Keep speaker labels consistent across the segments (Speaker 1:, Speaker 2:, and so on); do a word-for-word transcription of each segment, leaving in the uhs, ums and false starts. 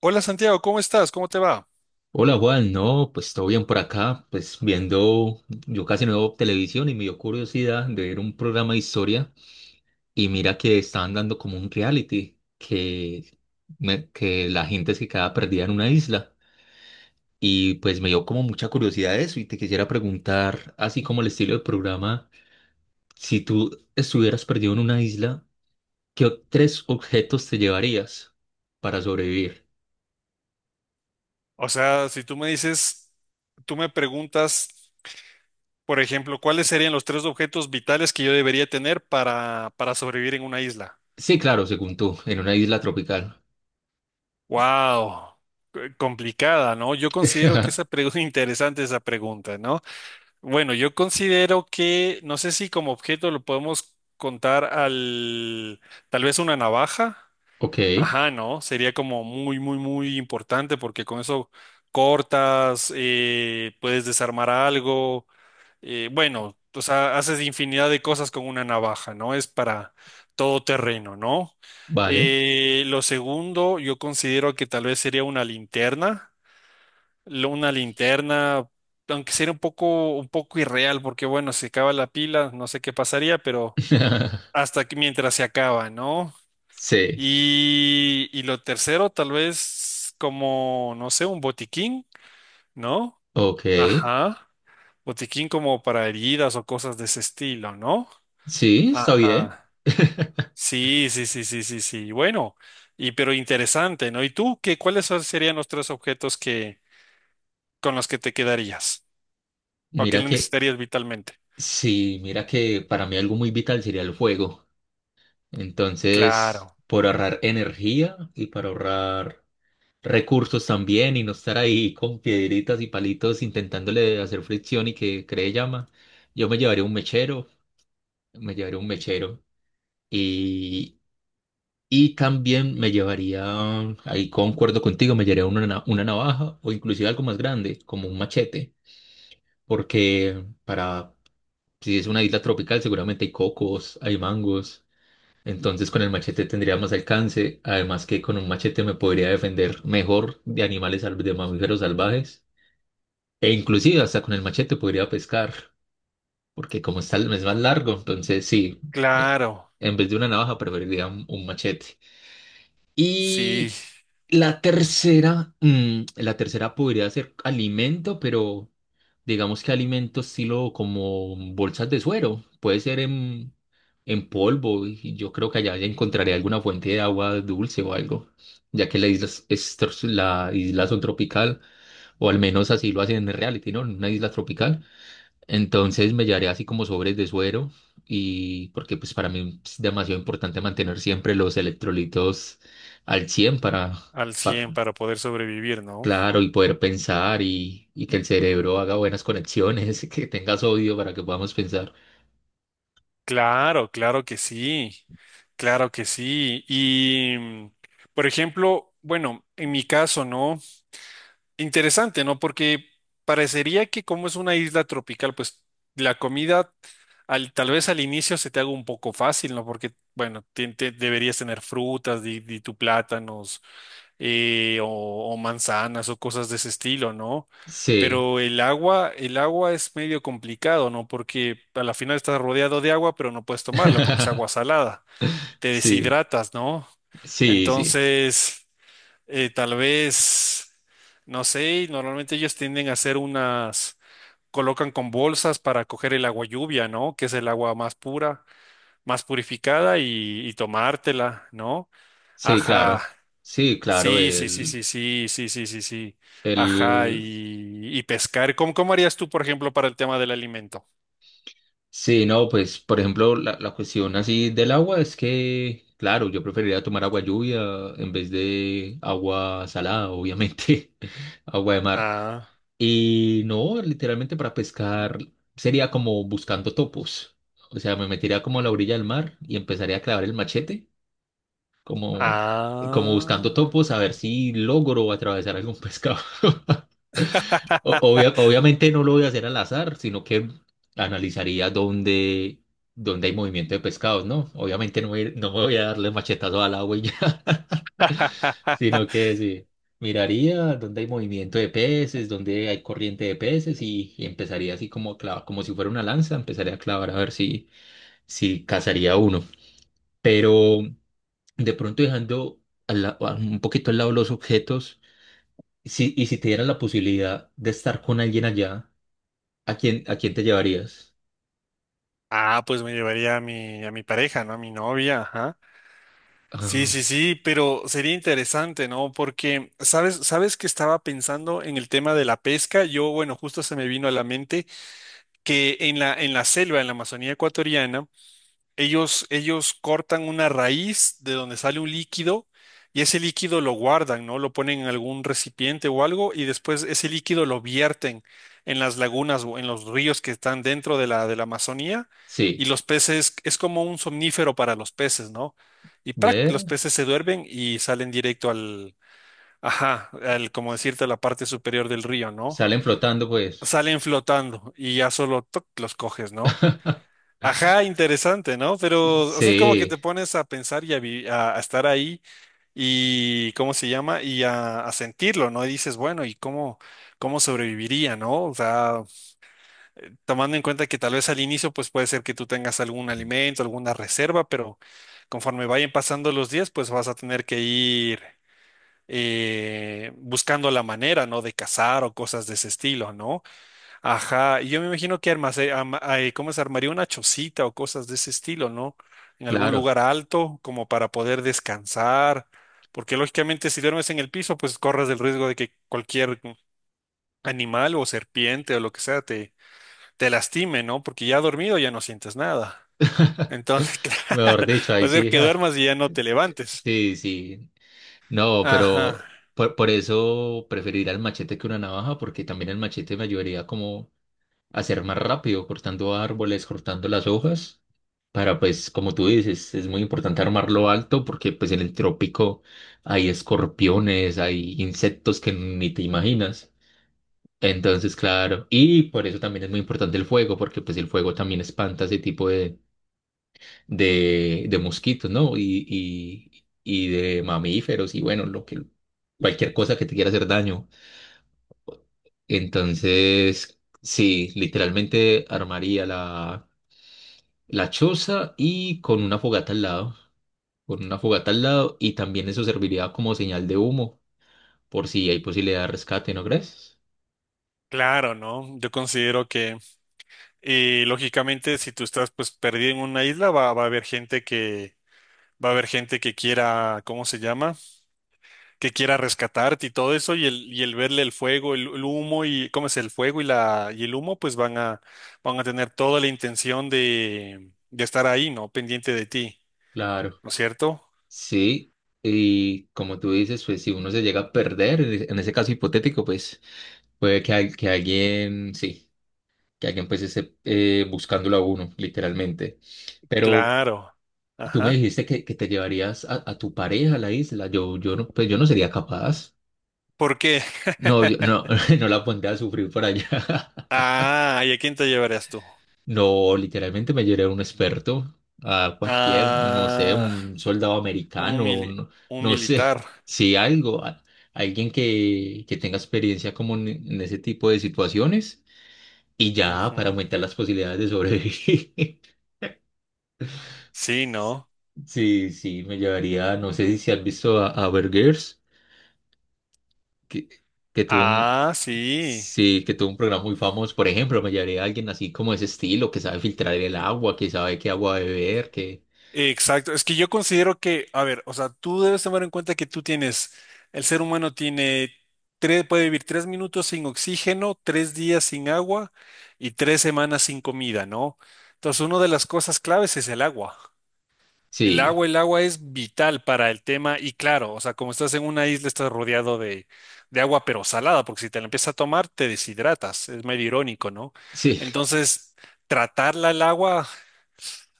Speaker 1: Hola Santiago, ¿cómo estás? ¿Cómo te va?
Speaker 2: Hola Juan, no, pues todo bien por acá, pues viendo, yo casi no veo televisión y me dio curiosidad de ver un programa de historia y mira que estaban dando como un reality, que, me- que la gente se quedaba perdida en una isla y pues me dio como mucha curiosidad eso y te quisiera preguntar, así como el estilo del programa, si tú estuvieras perdido en una isla, ¿qué o- tres objetos te llevarías para sobrevivir?
Speaker 1: O sea, si tú me dices, tú me preguntas, por ejemplo, ¿cuáles serían los tres objetos vitales que yo debería tener para, para sobrevivir en una isla?
Speaker 2: Sí, claro, según tú, en una isla tropical.
Speaker 1: Wow, complicada, ¿no? Yo considero que esa pregunta, interesante esa pregunta, ¿no? Bueno, yo considero que, no sé si como objeto lo podemos contar al, tal vez una navaja.
Speaker 2: Ok,
Speaker 1: Ajá, ¿no? Sería como muy, muy, muy importante porque con eso cortas, eh, puedes desarmar algo, eh, bueno, o sea, haces infinidad de cosas con una navaja, ¿no? Es para todo terreno, ¿no?
Speaker 2: vale.
Speaker 1: Eh, lo segundo, yo considero que tal vez sería una linterna, lo- una linterna, aunque sería un poco, un poco irreal porque bueno, se acaba la pila, no sé qué pasaría, pero hasta que mientras se acaba, ¿no?
Speaker 2: Sí,
Speaker 1: Y, y lo tercero, tal vez como, no sé, un botiquín, ¿no?
Speaker 2: ok.
Speaker 1: Ajá. Botiquín como para heridas o cosas de ese estilo, ¿no?
Speaker 2: Sí, está bien.
Speaker 1: Ajá. Sí, sí, sí, sí, sí, sí. Bueno, y pero interesante, ¿no? ¿Y tú qué, cuáles son- serían los tres objetos que con los que te quedarías o que
Speaker 2: Mira que,
Speaker 1: necesitarías vitalmente?
Speaker 2: sí, mira que para mí algo muy vital sería el fuego. Entonces,
Speaker 1: Claro,
Speaker 2: por ahorrar energía y para ahorrar recursos también y no estar ahí con piedritas y palitos intentándole hacer fricción y que cree llama, yo me llevaría un mechero, me llevaría un mechero. Y también me llevaría, ahí concuerdo contigo, me llevaría una, na- una navaja o inclusive algo más grande, como un machete, porque para, si es una isla tropical, seguramente hay cocos, hay mangos, entonces con el machete tendría más alcance, además que con un machete me podría defender mejor de animales, sal- de mamíferos salvajes, e inclusive hasta con el machete podría pescar, porque como está, es más largo, entonces sí, eh,
Speaker 1: claro.
Speaker 2: en vez de una navaja preferiría un un machete.
Speaker 1: Sí,
Speaker 2: Y la tercera, mm, la tercera podría ser alimento, pero digamos que alimento estilo como bolsas de suero. Puede ser en, en polvo y yo creo que allá ya encontraré alguna fuente de agua dulce o algo, ya que la isla es, es tro- la isla son tropical, o al menos así lo hacen en reality, ¿no? En una isla tropical. Entonces me llevaré así como sobres de suero y porque pues para mí es demasiado importante mantener siempre los electrolitos al cien para...
Speaker 1: al cien
Speaker 2: para
Speaker 1: para poder sobrevivir, ¿no?
Speaker 2: Claro, y poder pensar y, y que el cerebro haga buenas conexiones, que tengas odio para que podamos pensar.
Speaker 1: Claro, claro que sí,
Speaker 2: S-
Speaker 1: claro que sí. Y, mm, por ejemplo, bueno, en mi caso, ¿no? Interesante, ¿no? Porque parecería que como es una isla tropical, pues la comida al, tal vez al inicio se te haga un poco fácil, ¿no? Porque, bueno, te- te- deberías tener frutas, di, di tu plátanos, eh, o, o, manzanas o cosas de ese estilo, ¿no?
Speaker 2: Sí,
Speaker 1: Pero el agua, el agua es medio complicado, ¿no? Porque a la final estás rodeado de agua, pero no puedes tomarla porque es agua salada, te
Speaker 2: sí,
Speaker 1: deshidratas, ¿no?
Speaker 2: sí, sí,
Speaker 1: Entonces, eh, tal vez, no sé, normalmente ellos tienden a hacer unas, colocan con bolsas para coger el agua lluvia, ¿no? Que es el agua más pura, más purificada y, y tomártela, ¿no?
Speaker 2: sí,
Speaker 1: Ajá.
Speaker 2: claro, sí, claro,
Speaker 1: Sí, sí, sí,
Speaker 2: el,
Speaker 1: sí, sí, sí, sí, sí, sí. Ajá,
Speaker 2: el,
Speaker 1: y, y pescar. ¿Cómo, cómo harías tú, por ejemplo, para el tema del alimento?
Speaker 2: sí, no, pues, por ejemplo, la, la cuestión así del agua es que, claro, yo preferiría tomar agua lluvia en vez de agua salada, obviamente, agua de mar.
Speaker 1: Ah,
Speaker 2: Y no, literalmente para pescar sería como buscando topos. O sea, me metería como a la orilla del mar y empezaría a clavar el machete, como, como buscando
Speaker 1: ah.
Speaker 2: topos, a ver si logro atravesar algún pescado. O- obvia- obviamente no lo voy a hacer al azar, sino que analizaría dónde, dónde hay movimiento de pescados, ¿no? Obviamente no, voy- no me voy a darle machetazo al agua y ya, sino que sí, miraría dónde hay movimiento de peces, dónde hay corriente de peces y, y empezaría así como a clavar, como si fuera una lanza, empezaría a clavar a ver si, si cazaría uno. Pero de pronto dejando al la- un poquito al lado los objetos, si, y si te dieran la posibilidad de estar con alguien allá. ¿A quién, a quién te llevarías?
Speaker 1: Ah, pues me llevaría a mi, a mi pareja, ¿no? A mi novia, ajá. Sí,
Speaker 2: Ah,
Speaker 1: sí, sí, pero sería interesante, ¿no? Porque, ¿sabes, sabes que estaba pensando en el tema de la pesca? Yo, bueno, justo se me vino a la mente que en la, en la selva, en la Amazonía ecuatoriana, Ellos, ellos cortan una raíz de donde sale un líquido y ese líquido lo guardan, ¿no? Lo ponen en algún recipiente o algo y después ese líquido lo vierten en las lagunas o en los ríos que están dentro de la, de la, Amazonía y
Speaker 2: sí,
Speaker 1: los peces, es como un somnífero para los peces, ¿no? Y ¡prac!
Speaker 2: ve,
Speaker 1: Los peces se duermen y salen directo al, ajá, al, como decirte, a la parte superior del río, ¿no?
Speaker 2: salen flotando pues.
Speaker 1: Salen flotando y ya solo ¡toc! Los coges, ¿no? Ajá, interesante, ¿no? Pero, o sea, es como que
Speaker 2: Sí,
Speaker 1: te pones a pensar y a, vi- a- a estar ahí y, ¿cómo se llama? Y a, a sentirlo, ¿no? Y dices, bueno, ¿y cómo, cómo sobreviviría, ¿no? O sea, tomando en cuenta que tal vez al inicio, pues puede ser que tú tengas algún alimento, alguna reserva, pero conforme vayan pasando los días, pues vas a tener que ir eh, buscando la manera, ¿no? De cazar o cosas de ese estilo, ¿no? Ajá, y yo me imagino que armas, eh, ama- ay, ¿cómo se armaría una chocita o cosas de ese estilo, ¿no? En algún
Speaker 2: claro.
Speaker 1: lugar alto, como para poder descansar, porque lógicamente si duermes en el piso, pues corres el riesgo de que cualquier animal o serpiente o lo que sea te, te lastime, ¿no? Porque ya dormido ya no sientes nada. Entonces,
Speaker 2: Mejor
Speaker 1: claro,
Speaker 2: dicho,
Speaker 1: va
Speaker 2: ahí
Speaker 1: a ser
Speaker 2: sí,
Speaker 1: que
Speaker 2: ja.
Speaker 1: duermas y ya no te levantes.
Speaker 2: Sí, sí. No, pero
Speaker 1: Ajá,
Speaker 2: por, por eso preferiría el machete que una navaja, porque también el machete me ayudaría como a ser más rápido, cortando árboles, cortando las hojas, para pues, como tú dices, es muy importante armarlo alto, porque pues en el trópico hay escorpiones, hay insectos que ni te imaginas. Entonces, claro, y por eso también es muy importante el fuego, porque pues el fuego también espanta ese tipo de, de, de mosquitos, ¿no? Y, y, y de mamíferos y bueno, lo que, cualquier cosa que te quiera hacer daño. Entonces, sí, literalmente armaría la, la choza y con una fogata al lado, con una fogata al lado y también eso serviría como señal de humo, por si hay posibilidad de rescate, ¿no crees?
Speaker 1: claro, ¿no? Yo considero que, eh, lógicamente, si tú estás pues perdido en una isla, va, va a haber gente que Va a haber gente que quiera, ¿cómo se llama? Que quiera rescatarte y todo eso, y el, y el verle el fuego, el, el humo y, ¿cómo es? El fuego y la, y el humo, pues van a, van a, tener toda la intención de, de estar ahí, ¿no? Pendiente de ti,
Speaker 2: Claro.
Speaker 1: ¿no es cierto?
Speaker 2: Sí, y como tú dices, pues si uno se llega a perder, en e- en ese caso hipotético, pues puede que, al- que alguien, sí, que alguien pues esté eh, buscándolo a uno, literalmente. Pero
Speaker 1: Claro.
Speaker 2: tú me
Speaker 1: Ajá.
Speaker 2: dijiste que, que te llevarías a, a tu pareja a la isla. Yo, yo no, pues yo no sería capaz.
Speaker 1: ¿Por qué?
Speaker 2: No, yo no, no la pondría a sufrir por allá.
Speaker 1: Ah, ¿y a quién te llevarías tú?
Speaker 2: No, literalmente me lloré a un experto, a cualquier, no sé,
Speaker 1: Ah,
Speaker 2: un soldado
Speaker 1: un
Speaker 2: americano,
Speaker 1: mili-
Speaker 2: un-
Speaker 1: un
Speaker 2: no sé,
Speaker 1: militar.
Speaker 2: sí, algo, a- alguien que, que tenga experiencia como en, en ese tipo de situaciones y ya para
Speaker 1: Ujú.
Speaker 2: aumentar las posibilidades de sobrevivir.
Speaker 1: Sí, ¿no?
Speaker 2: Sí, sí, me llevaría, no sé si si has visto a, a Bear Grylls, que, que tuvo un,
Speaker 1: Ah, sí.
Speaker 2: sí, que tuvo un programa muy famoso, por ejemplo, me llevaría a alguien así como ese estilo, que sabe filtrar el agua, que sabe qué agua beber, que,
Speaker 1: Exacto, es que yo considero que, a ver, o sea, tú debes tomar en cuenta que tú tienes, el ser humano tiene, tres, puede vivir tres minutos sin oxígeno, tres días sin agua y tres semanas sin comida, ¿no? Entonces, una de las cosas claves es el agua. El
Speaker 2: sí.
Speaker 1: agua, el agua es vital para el tema y claro, o sea, como estás en una isla, estás rodeado de, de agua, pero salada, porque si te la empiezas a tomar, te deshidratas, es medio irónico, ¿no?
Speaker 2: Sí,
Speaker 1: Entonces, tratarla el agua.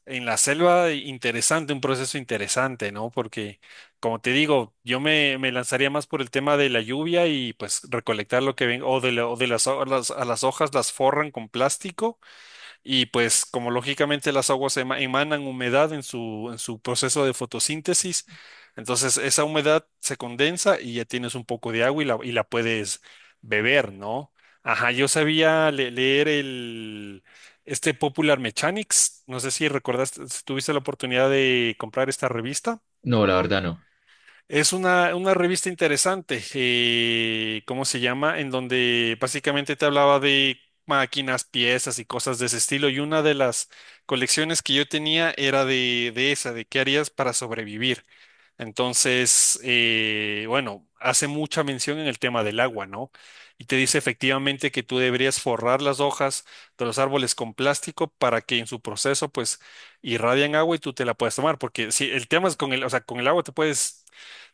Speaker 1: En la selva, e interesante, un proceso interesante, ¿no? Porque, como te digo, yo me, me lanzaría más por el tema de la lluvia y pues recolectar lo que ven, o de, la- o de las, ho- las- a las hojas las forran con plástico y pues como lógicamente las aguas ema- emanan humedad en su, en su, proceso de fotosíntesis, entonces esa humedad se condensa y ya tienes un poco de agua y la, y la puedes beber, ¿no? Ajá, yo sabía le- leer el, este Popular Mechanics, no sé si recordaste, si tuviste la oportunidad de comprar esta revista.
Speaker 2: no, la verdad no.
Speaker 1: Es una, una revista interesante, eh, ¿cómo se llama? En donde básicamente te hablaba de máquinas, piezas y cosas de ese estilo. Y una de las colecciones que yo tenía era de, de esa, de qué harías para sobrevivir. Entonces, eh, bueno, hace mucha mención en el tema del agua, ¿no? Y te dice efectivamente que tú deberías forrar las hojas de los árboles con plástico para que en su proceso, pues, irradian agua y tú te la puedas tomar. Porque si el tema es con el, o sea, con el agua te puedes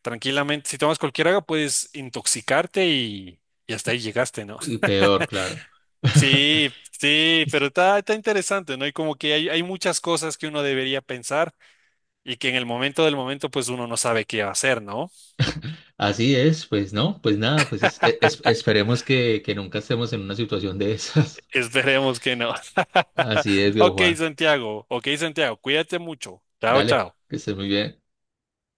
Speaker 1: tranquilamente, si tomas cualquier agua, puedes intoxicarte y, y hasta ahí llegaste, ¿no?
Speaker 2: Y peor, claro.
Speaker 1: Sí, sí, pero está, está interesante, ¿no? Y como que hay, hay, muchas cosas que uno debería pensar y que en el momento del momento, pues uno no sabe qué va a hacer, ¿no?
Speaker 2: Así es, pues no, pues nada, pues es- e, es- esperemos que, que nunca estemos en una situación de esas.
Speaker 1: Esperemos que no.
Speaker 2: Así es, viejo
Speaker 1: Ok,
Speaker 2: Juan.
Speaker 1: Santiago, ok, Santiago, cuídate mucho. Chao,
Speaker 2: Dale,
Speaker 1: chao.
Speaker 2: que estés muy bien.